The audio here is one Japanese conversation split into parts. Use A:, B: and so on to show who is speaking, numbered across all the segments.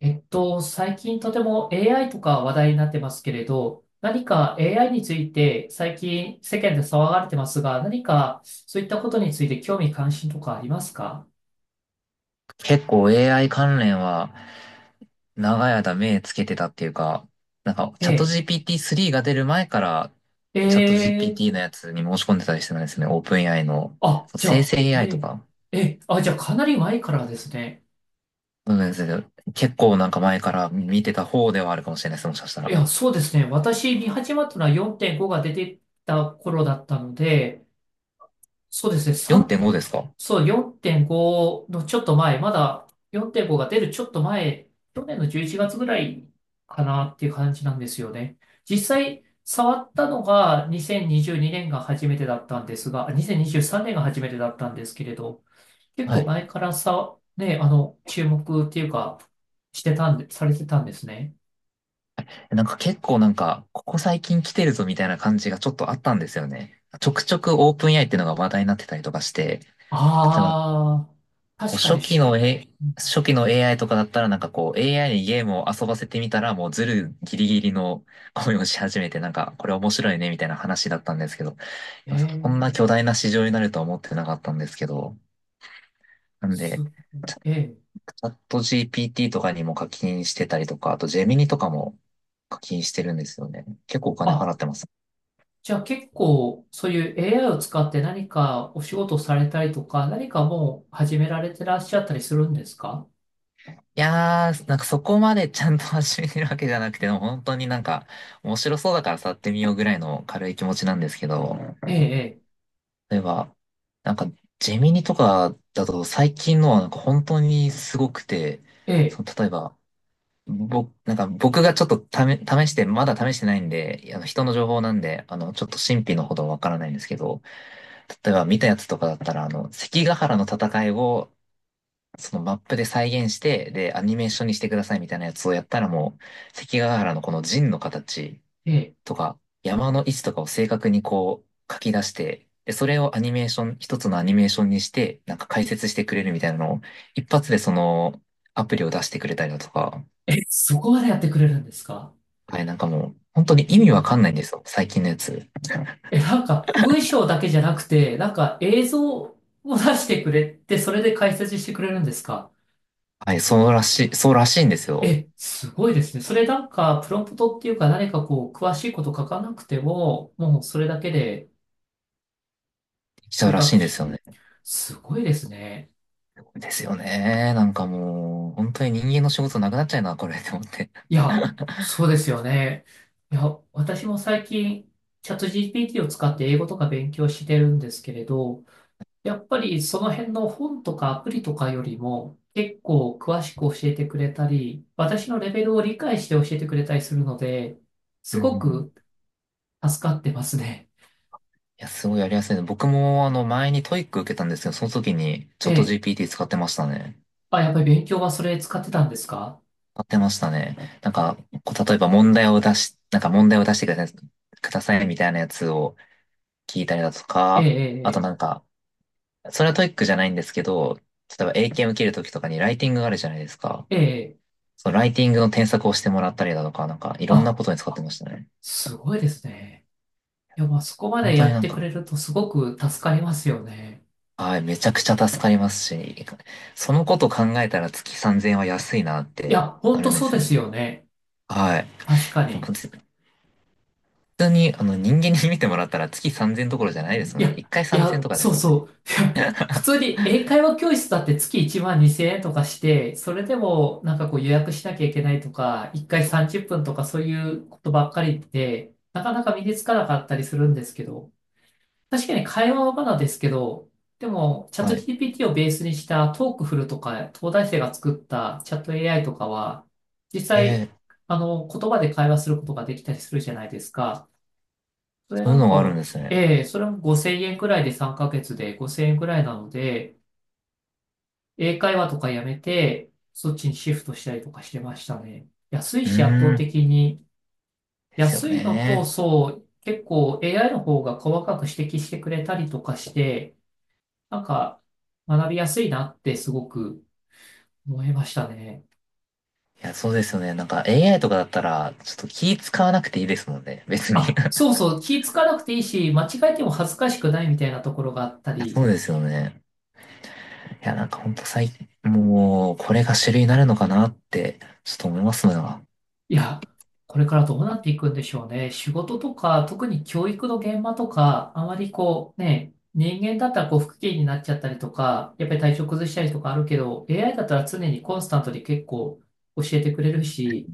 A: 最近とても AI とか話題になってますけれど、何か AI について最近世間で騒がれてますが、何かそういったことについて興味関心とかありますか？
B: 結構 AI 関連は長い間目つけてたっていうか、なんかチャット
A: え
B: GPT-3 が出る前から
A: え、え
B: チャット
A: え、
B: GPT のやつに申し込んでたりしてたんですね。オープン AI の。
A: あ、
B: そう
A: じゃ
B: 生
A: あ、
B: 成
A: え
B: AI と
A: え、
B: か。
A: ええ、あ、じゃあかなり前からですね。
B: うん、結構なんか前から見てた方ではあるかもしれないです。もしかした
A: い
B: ら。
A: や、そうですね。私見始まったのは4.5が出てた頃だったので、そうですね、3、
B: 4.5ですか？
A: そう、4.5のちょっと前、まだ4.5が出るちょっと前、去年の11月ぐらいかなっていう感じなんですよね。実際、触ったのが2022年が初めてだったんですが、あ、2023年が初めてだったんですけれど、結
B: は
A: 構
B: い。
A: 前からさ、ね、あの、注目っていうか、してたんで、されてたんですね。
B: なんか結構なんか、ここ最近来てるぞみたいな感じがちょっとあったんですよね。ちょくちょくオープン AI っていうのが話題になってたりとかして、例えば
A: ああ、
B: こう
A: 確かに
B: 初期の AI とかだったらなんかこう AI にゲームを遊ばせてみたらもうズルギリギリの声をし始めてなんかこれ面白いねみたいな話だったんですけど、い
A: え
B: やこんな
A: ー、
B: 巨大な市場になるとは思ってなかったんですけど、なん
A: す、
B: で、チャチ
A: えー、
B: ャット GPT とかにも課金してたりとか、あとジェミニとかも課金してるんですよね。結構お金払
A: あ、
B: ってます。
A: じゃあ結構そういう AI を使って何かお仕事されたりとか、何かもう始められてらっしゃったりするんですか？
B: いやー、なんかそこまでちゃんと始めてるわけじゃなくて、でも本当になんか面白そうだから触ってみようぐらいの軽い気持ちなんですけど、
A: ええ、
B: 例えば、なんか、ジェミニとかだと最近のはなんか本当にすごくて、
A: え
B: そ
A: え、
B: の例えば、僕、なんか僕がちょっと試、試して、まだ試してないんで、あの人の情報なんで、ちょっと神秘のほどわからないんですけど、例えば見たやつとかだったら、関ヶ原の戦いを、そのマップで再現して、で、アニメーションにしてくださいみたいなやつをやったらもう、関ヶ原のこの陣の形、
A: ええ、
B: とか、山の位置とかを正確にこう書き出して、で、それをアニメーション、一つのアニメーションにして、なんか解説してくれるみたいなのを、一発でそのアプリを出してくれたりだとか、
A: ええ、そこまでやってくれるんですか？
B: はい、なんかもう、本当に
A: え
B: 意味わ
A: え、
B: かんないんですよ、最近のやつ。
A: え、なんか文章だけじゃなくて、なんか映像を出してくれて、それで解説してくれるんですか？
B: はい、そうらしいんですよ。
A: え、すごいですね。それなんかプロンプトっていうか何かこう詳しいこと書かなくても、もうそれだけで
B: ち
A: そう
B: う
A: いう
B: らしい
A: 学
B: んで
A: 習、
B: すよね。
A: すごいですね。
B: ですよね。なんかもう、本当に人間の仕事なくなっちゃうな、これ、って思って。
A: いや、そうですよね。いや、私も最近、チャット GPT を使って英語とか勉強してるんですけれど、やっぱりその辺の本とかアプリとかよりも結構詳しく教えてくれたり、私のレベルを理解して教えてくれたりするので、
B: う
A: す
B: んう
A: ご
B: んうん。い
A: く助かってますね。
B: や、すごいやりやすいね。僕も、前にトイック受けたんですけど、その時に、チ
A: え
B: ャット
A: え。
B: GPT 使ってましたね。
A: あ、やっぱり勉強はそれ使ってたんですか？
B: 使ってましたね。なんか、こう例えば問題を出し、なんか問題を出してくださいみたいなやつを聞いたりだと
A: え
B: か、あと
A: え、
B: なんか、それはトイックじゃないんですけど、例えば英検受けるときとかにライティングがあるじゃないですか。
A: ええ、ええ。ええ、
B: そのライティングの添削をしてもらったりだとか、なんかいろんな
A: あ、
B: ことに使ってましたね。
A: すごいですね。いや、まあそこま
B: 本
A: で
B: 当
A: や
B: に
A: っ
B: なん
A: てく
B: か、
A: れるとすごく助かりますよね。
B: はい、めちゃくちゃ助かりますし、そのこと考えたら月3000円は安いなっ
A: い
B: て
A: や、ほ
B: な
A: んと
B: るんで
A: そう
B: す
A: で
B: よ
A: す
B: ね。
A: よね。
B: はい。
A: 確かに。
B: 普通に、人間に見てもらったら月3000どころじゃないです
A: い
B: もん
A: や、
B: ね。
A: い
B: 1回3000
A: や、
B: とかで
A: そう
B: すもんね。
A: そう。いや、普通に英会話教室だって月1万2000円とかして、それでもなんかこう予約しなきゃいけないとか、1回30分とかそういうことばっかりで、なかなか身につかなかったりするんですけど、確かに会話はまだですけど、でも、チャット
B: はい。
A: GPT をベースにしたトークフルとか、東大生が作ったチャット AI とかは、実
B: え
A: 際、
B: ー
A: あの、言葉で会話することができたりするじゃないですか。それ
B: そう
A: な
B: いう
A: ん
B: の
A: か
B: があるんで
A: も、
B: すね。
A: ええ、それも5000円くらいで3ヶ月で5000円くらいなので、英会話とかやめて、そっちにシフトしたりとかしてましたね。安い
B: う
A: し圧
B: ー
A: 倒
B: ん。
A: 的に。
B: ですよ
A: 安いのと、
B: ね。
A: そう、結構 AI の方が細かく指摘してくれたりとかして、なんか学びやすいなってすごく思いましたね。
B: いや、そうですよね。なんか AI とかだったら、ちょっと気使わなくていいですもんね。別に。い
A: あ、そうそう、気ぃつかなくていいし、間違えても恥ずかしくないみたいなところがあった
B: や、そう
A: り、
B: ですよね。いや、なんかほんと最近、もう、これが主流になるのかなって、ちょっと思いますん。
A: いや、これからどうなっていくんでしょうね。仕事とか、特に教育の現場とか、あまりこうね、人間だったらこう不機嫌になっちゃったりとか、やっぱり体調崩したりとかあるけど、AI だったら常にコンスタントに結構教えてくれるし、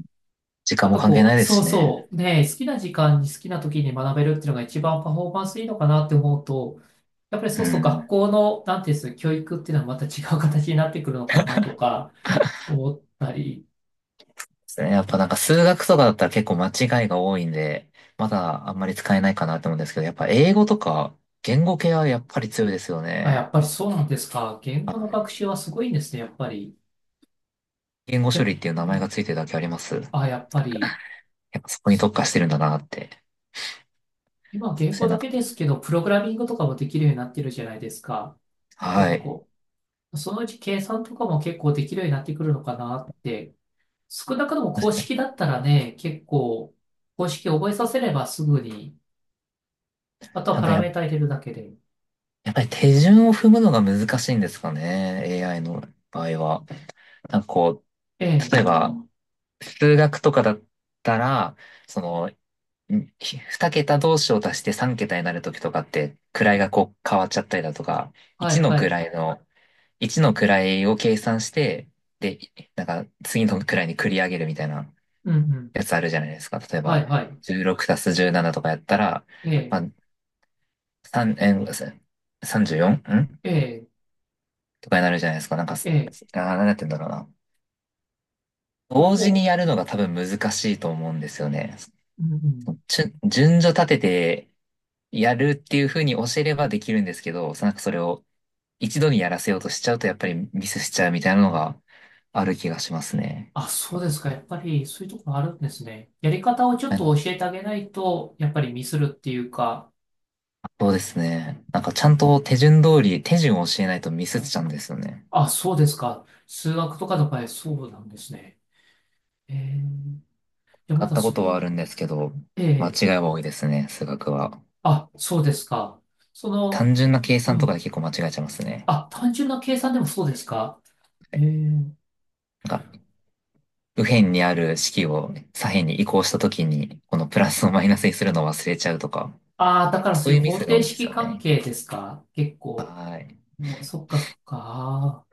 B: 時間
A: なん
B: も
A: か
B: 関係
A: こ
B: ない
A: う、
B: です
A: そう
B: しね。
A: そう、ね、好きな時間に好きな時に学べるっていうのが一番パフォーマンスいいのかなって思うと、やっぱり
B: う
A: そうすると学
B: ん。
A: 校の、なんていうんですか、教育っていうのはまた違う形になってくるのかなとか思ったり。
B: ですね。やっぱなんか数学とかだったら結構間違いが多いんで、まだあんまり使えないかなと思うんですけど、やっぱ英語とか言語系はやっぱり強いですよ
A: あ、や
B: ね。
A: っぱりそうなんですか。言
B: は
A: 語の学
B: い。
A: 習はすごいんですね、やっぱり。
B: 言語処
A: 結
B: 理っ
A: 構、
B: ていう
A: う
B: 名前
A: ん、
B: がついてるだけあります。や
A: あ、やっぱり、
B: っぱそこに特化してるんだなって。
A: 今
B: そ
A: 言
B: し
A: 語
B: てな
A: だ
B: んか、
A: けですけど、プログラミングとかもできるようになってるじゃないですか。結
B: はい。
A: 構。そのうち計算とかも結構できるようになってくるのかなって。少なくとも
B: そし
A: 公
B: てね、
A: 式だったらね、結構、公式覚えさせればすぐに、あとは
B: なん
A: パ
B: か
A: ラメータ入れるだけで。
B: やっぱり手順を踏むのが難しいんですかね。AI の場合は。なんかこ
A: え
B: う、
A: え、
B: 例えば数学とかだったら、そのうん二桁同士を足して三桁になるときとかって、位がこう変わっちゃったりだとか、
A: は
B: 一
A: い
B: の
A: はい。
B: 位の、一の位を計算して、で、なんか次の位に繰り上げるみたいな
A: うんうん。
B: やつあるじゃないですか。例え
A: は
B: ば、
A: いはい。
B: 16足す17とかやったら、
A: え
B: ま
A: え、
B: あ、3、えー、34？ んじゅうよんん
A: ええ、
B: とかになるじゃないですか。なんか、
A: ええ。
B: なんやって言うんだろうな。
A: こ
B: 同時に
A: こ、
B: やるのが多分難しいと思うんですよね。
A: うんうん。
B: 順序立ててやるっていうふうに教えればできるんですけど、なんかそれを一度にやらせようとしちゃうとやっぱりミスしちゃうみたいなのがある気がしますね。
A: あ、そうですか。やっぱりそういうところあるんですね。やり方をちょっ
B: う
A: と
B: ん。
A: 教えてあげないと、やっぱりミスるっていうか、
B: そうですね。なんかちゃんと手順を教えないとミスっちゃうんですよね。
A: あ、そうですか。数学とかの場合、そうなんですね。えー、じゃあ
B: 買
A: ま
B: っ
A: だ
B: たこ
A: そ
B: と
A: こ
B: はあるん
A: は、
B: ですけど、
A: え
B: 間
A: え、
B: 違いは多いですね、数学は。
A: あ、そうですか。そ
B: 単
A: の、
B: 純な計
A: う
B: 算とかで
A: ん。
B: 結構間違えちゃいますね。
A: あ、単純な計算でもそうですか。
B: は
A: え
B: い。
A: ー、
B: なんか、右辺にある式を左辺に移行したときに、このプラスをマイナスにするのを忘れちゃうとか、
A: ああ、だからそ
B: そう
A: う
B: い
A: いう
B: うミ
A: 方
B: スが
A: 程
B: 多いんです
A: 式
B: よ
A: 関
B: ね。
A: 係ですか。結構。
B: はい。
A: そっかそっか。あ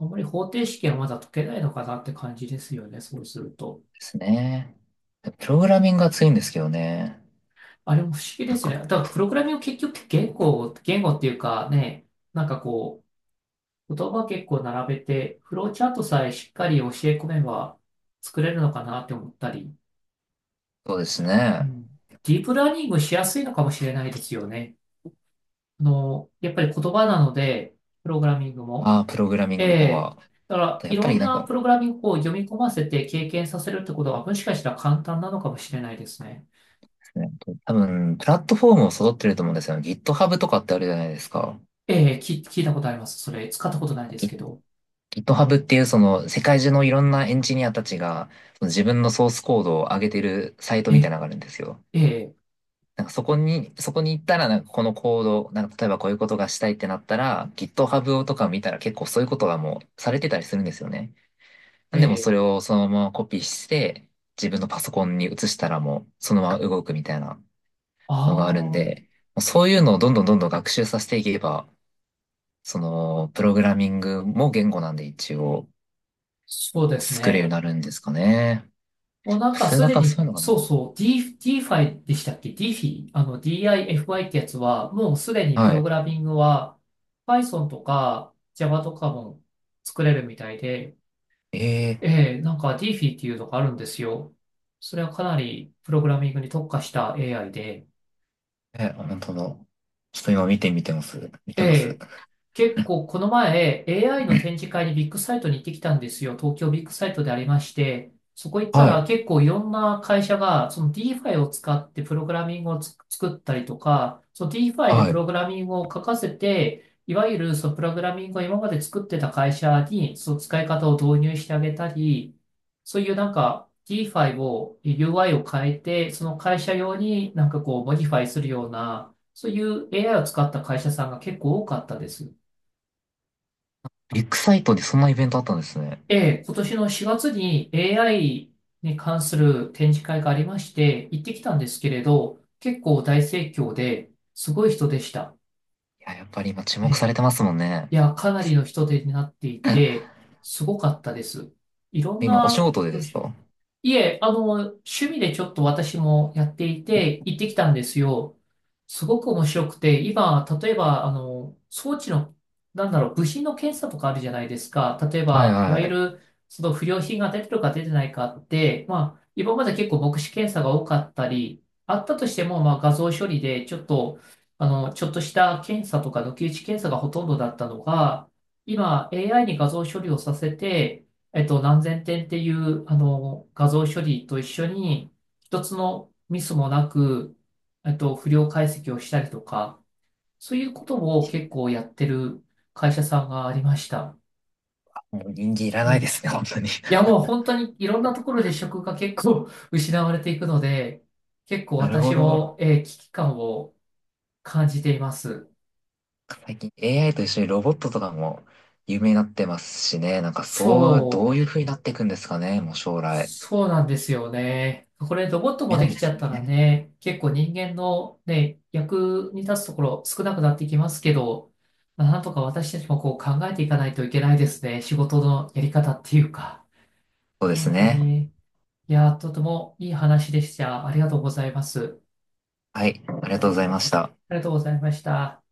A: ー、あんまり方程式はまだ解けないのかなって感じですよね。そうすると。
B: ですね。プログラミングが強いんですけどね。
A: あれも不思議で
B: なん
A: す
B: か、
A: ね。だからプログラミング結局って言語っていうかね、なんかこう、言葉結構並べて、フローチャートさえしっかり教え込めば作れるのかなって思ったり、
B: そうです
A: う
B: ね。
A: ん。ディープラーニングしやすいのかもしれないですよね。やっぱり言葉なので、プログラミングも。
B: ああ、プログラミン
A: え
B: グの方
A: え。
B: は。
A: だから、
B: や
A: い
B: っぱ
A: ろ
B: り
A: ん
B: なん
A: な
B: かで
A: プログラミングを読み込ませて経験させるってことは、もしかしたら簡単なのかもしれないですね。
B: すね、多分、プラットフォームを揃ってると思うんですよね。GitHub とかってあるじゃないですか。
A: ええ、聞いたことあります。それ、使ったことないです
B: Git-
A: けど。
B: GitHub っていうその世界中のいろんなエンジニアたちがその自分のソースコードを上げてるサイトみたい
A: え、
B: なのがあるんですよ。
A: ええ。
B: なんかそこに行ったらなんかこのコード、なんか例えばこういうことがしたいってなったら GitHub とか見たら結構そういうことがもうされてたりするんですよね。
A: え
B: でもそ
A: え、
B: れをそのままコピーして、自分のパソコンに移したらもうそのまま動くみたいなの
A: あ
B: があるん
A: あ、
B: で、そういうのをどんどんどんどん学習させていけば、そのプログラミングも言語なんで一応
A: そうです
B: 作れるように
A: ね。
B: なるんですかね。
A: もうなんか
B: 数
A: す
B: 学
A: で
B: はそ
A: に、
B: ういうのか
A: そうそう、DeFi でしたっけ？ DeFi？ あの DIFI ってやつは、もうすでに
B: な。
A: プ
B: は
A: ロ
B: い。
A: グラミングは Python とか Java とかも作れるみたいで、
B: え
A: ええ、なんか DeFi っていうのがあるんですよ。それはかなりプログラミングに特化した AI で、
B: え、本当だ。ちょっと今見てみてます。見てます。
A: え結構この前 AI の展示会にビッグサイトに行ってきたんですよ。東京ビッグサイトでありまして、そこ行った
B: はい。
A: ら結構いろんな会社がその DeFi を使ってプログラミングを作ったりとか、その DeFi で
B: は
A: プ
B: い。
A: ログラミングを書かせて、いわゆるそのプログラミングを今まで作ってた会社にその使い方を導入してあげたり、そういうなんか DeFi を UI を変えて、その会社用になんかこうモディファイするような、そういう AI を使った会社さんが結構多かったです。
B: ビッグサイトでそんなイベントあったんですね。
A: ええ、今年の4月に AI に関する展示会がありまして、行ってきたんですけれど、結構大盛況で、すごい人でした。
B: いや、やっぱり今注
A: え
B: 目さ
A: え、
B: れてますもんね。
A: いや、かなりの人手になっていて、すごかったです。いろん
B: 今お仕
A: な、
B: 事で
A: よ
B: で
A: い
B: す
A: しょ。
B: か？
A: いえ、趣味でちょっと私もやっていて、行ってきたんですよ。すごく面白くて、今、例えば、装置の、なんだろう、部品の検査とかあるじゃないですか。例え
B: はい、
A: ば、いわ
B: は
A: ゆ
B: い。
A: る、その不良品が出てるか出てないかって、まあ、今まで結構目視検査が多かったり、あったとしても、まあ、画像処理で、ちょっと、ちょっとした検査とか抜き打ち検査がほとんどだったのが、今 AI に画像処理をさせて、何千点っていう、画像処理と一緒に、一つのミスもなく、不良解析をしたりとか、そういうことを結構やってる会社さんがありました。
B: もう人間いら
A: え
B: ないで
A: え、
B: すね、本当に。
A: いや、もう本当にいろんなところで職が結構 失われていくので、結構
B: なる
A: 私
B: ほど。
A: も、危機感を感じています。
B: 最近 AI と一緒にロボットとかも有名になってますしね。なんかそう、ど
A: そ
B: う
A: う。
B: いう風になっていくんですかね、もう将来。
A: そうなんですよね。これロボットも
B: 夢な
A: で
B: ん
A: き
B: で
A: ち
B: す
A: ゃったら
B: ね。
A: ね、結構人間のね、役に立つところ少なくなってきますけど、まあなんとか私たちもこう考えていかないといけないですね。仕事のやり方っていうか。
B: そうです
A: 本当
B: ね。
A: に、いやー、とてもいい話でした。ありがとうございます。
B: はい、ありがとうございました。
A: ありがとうございました。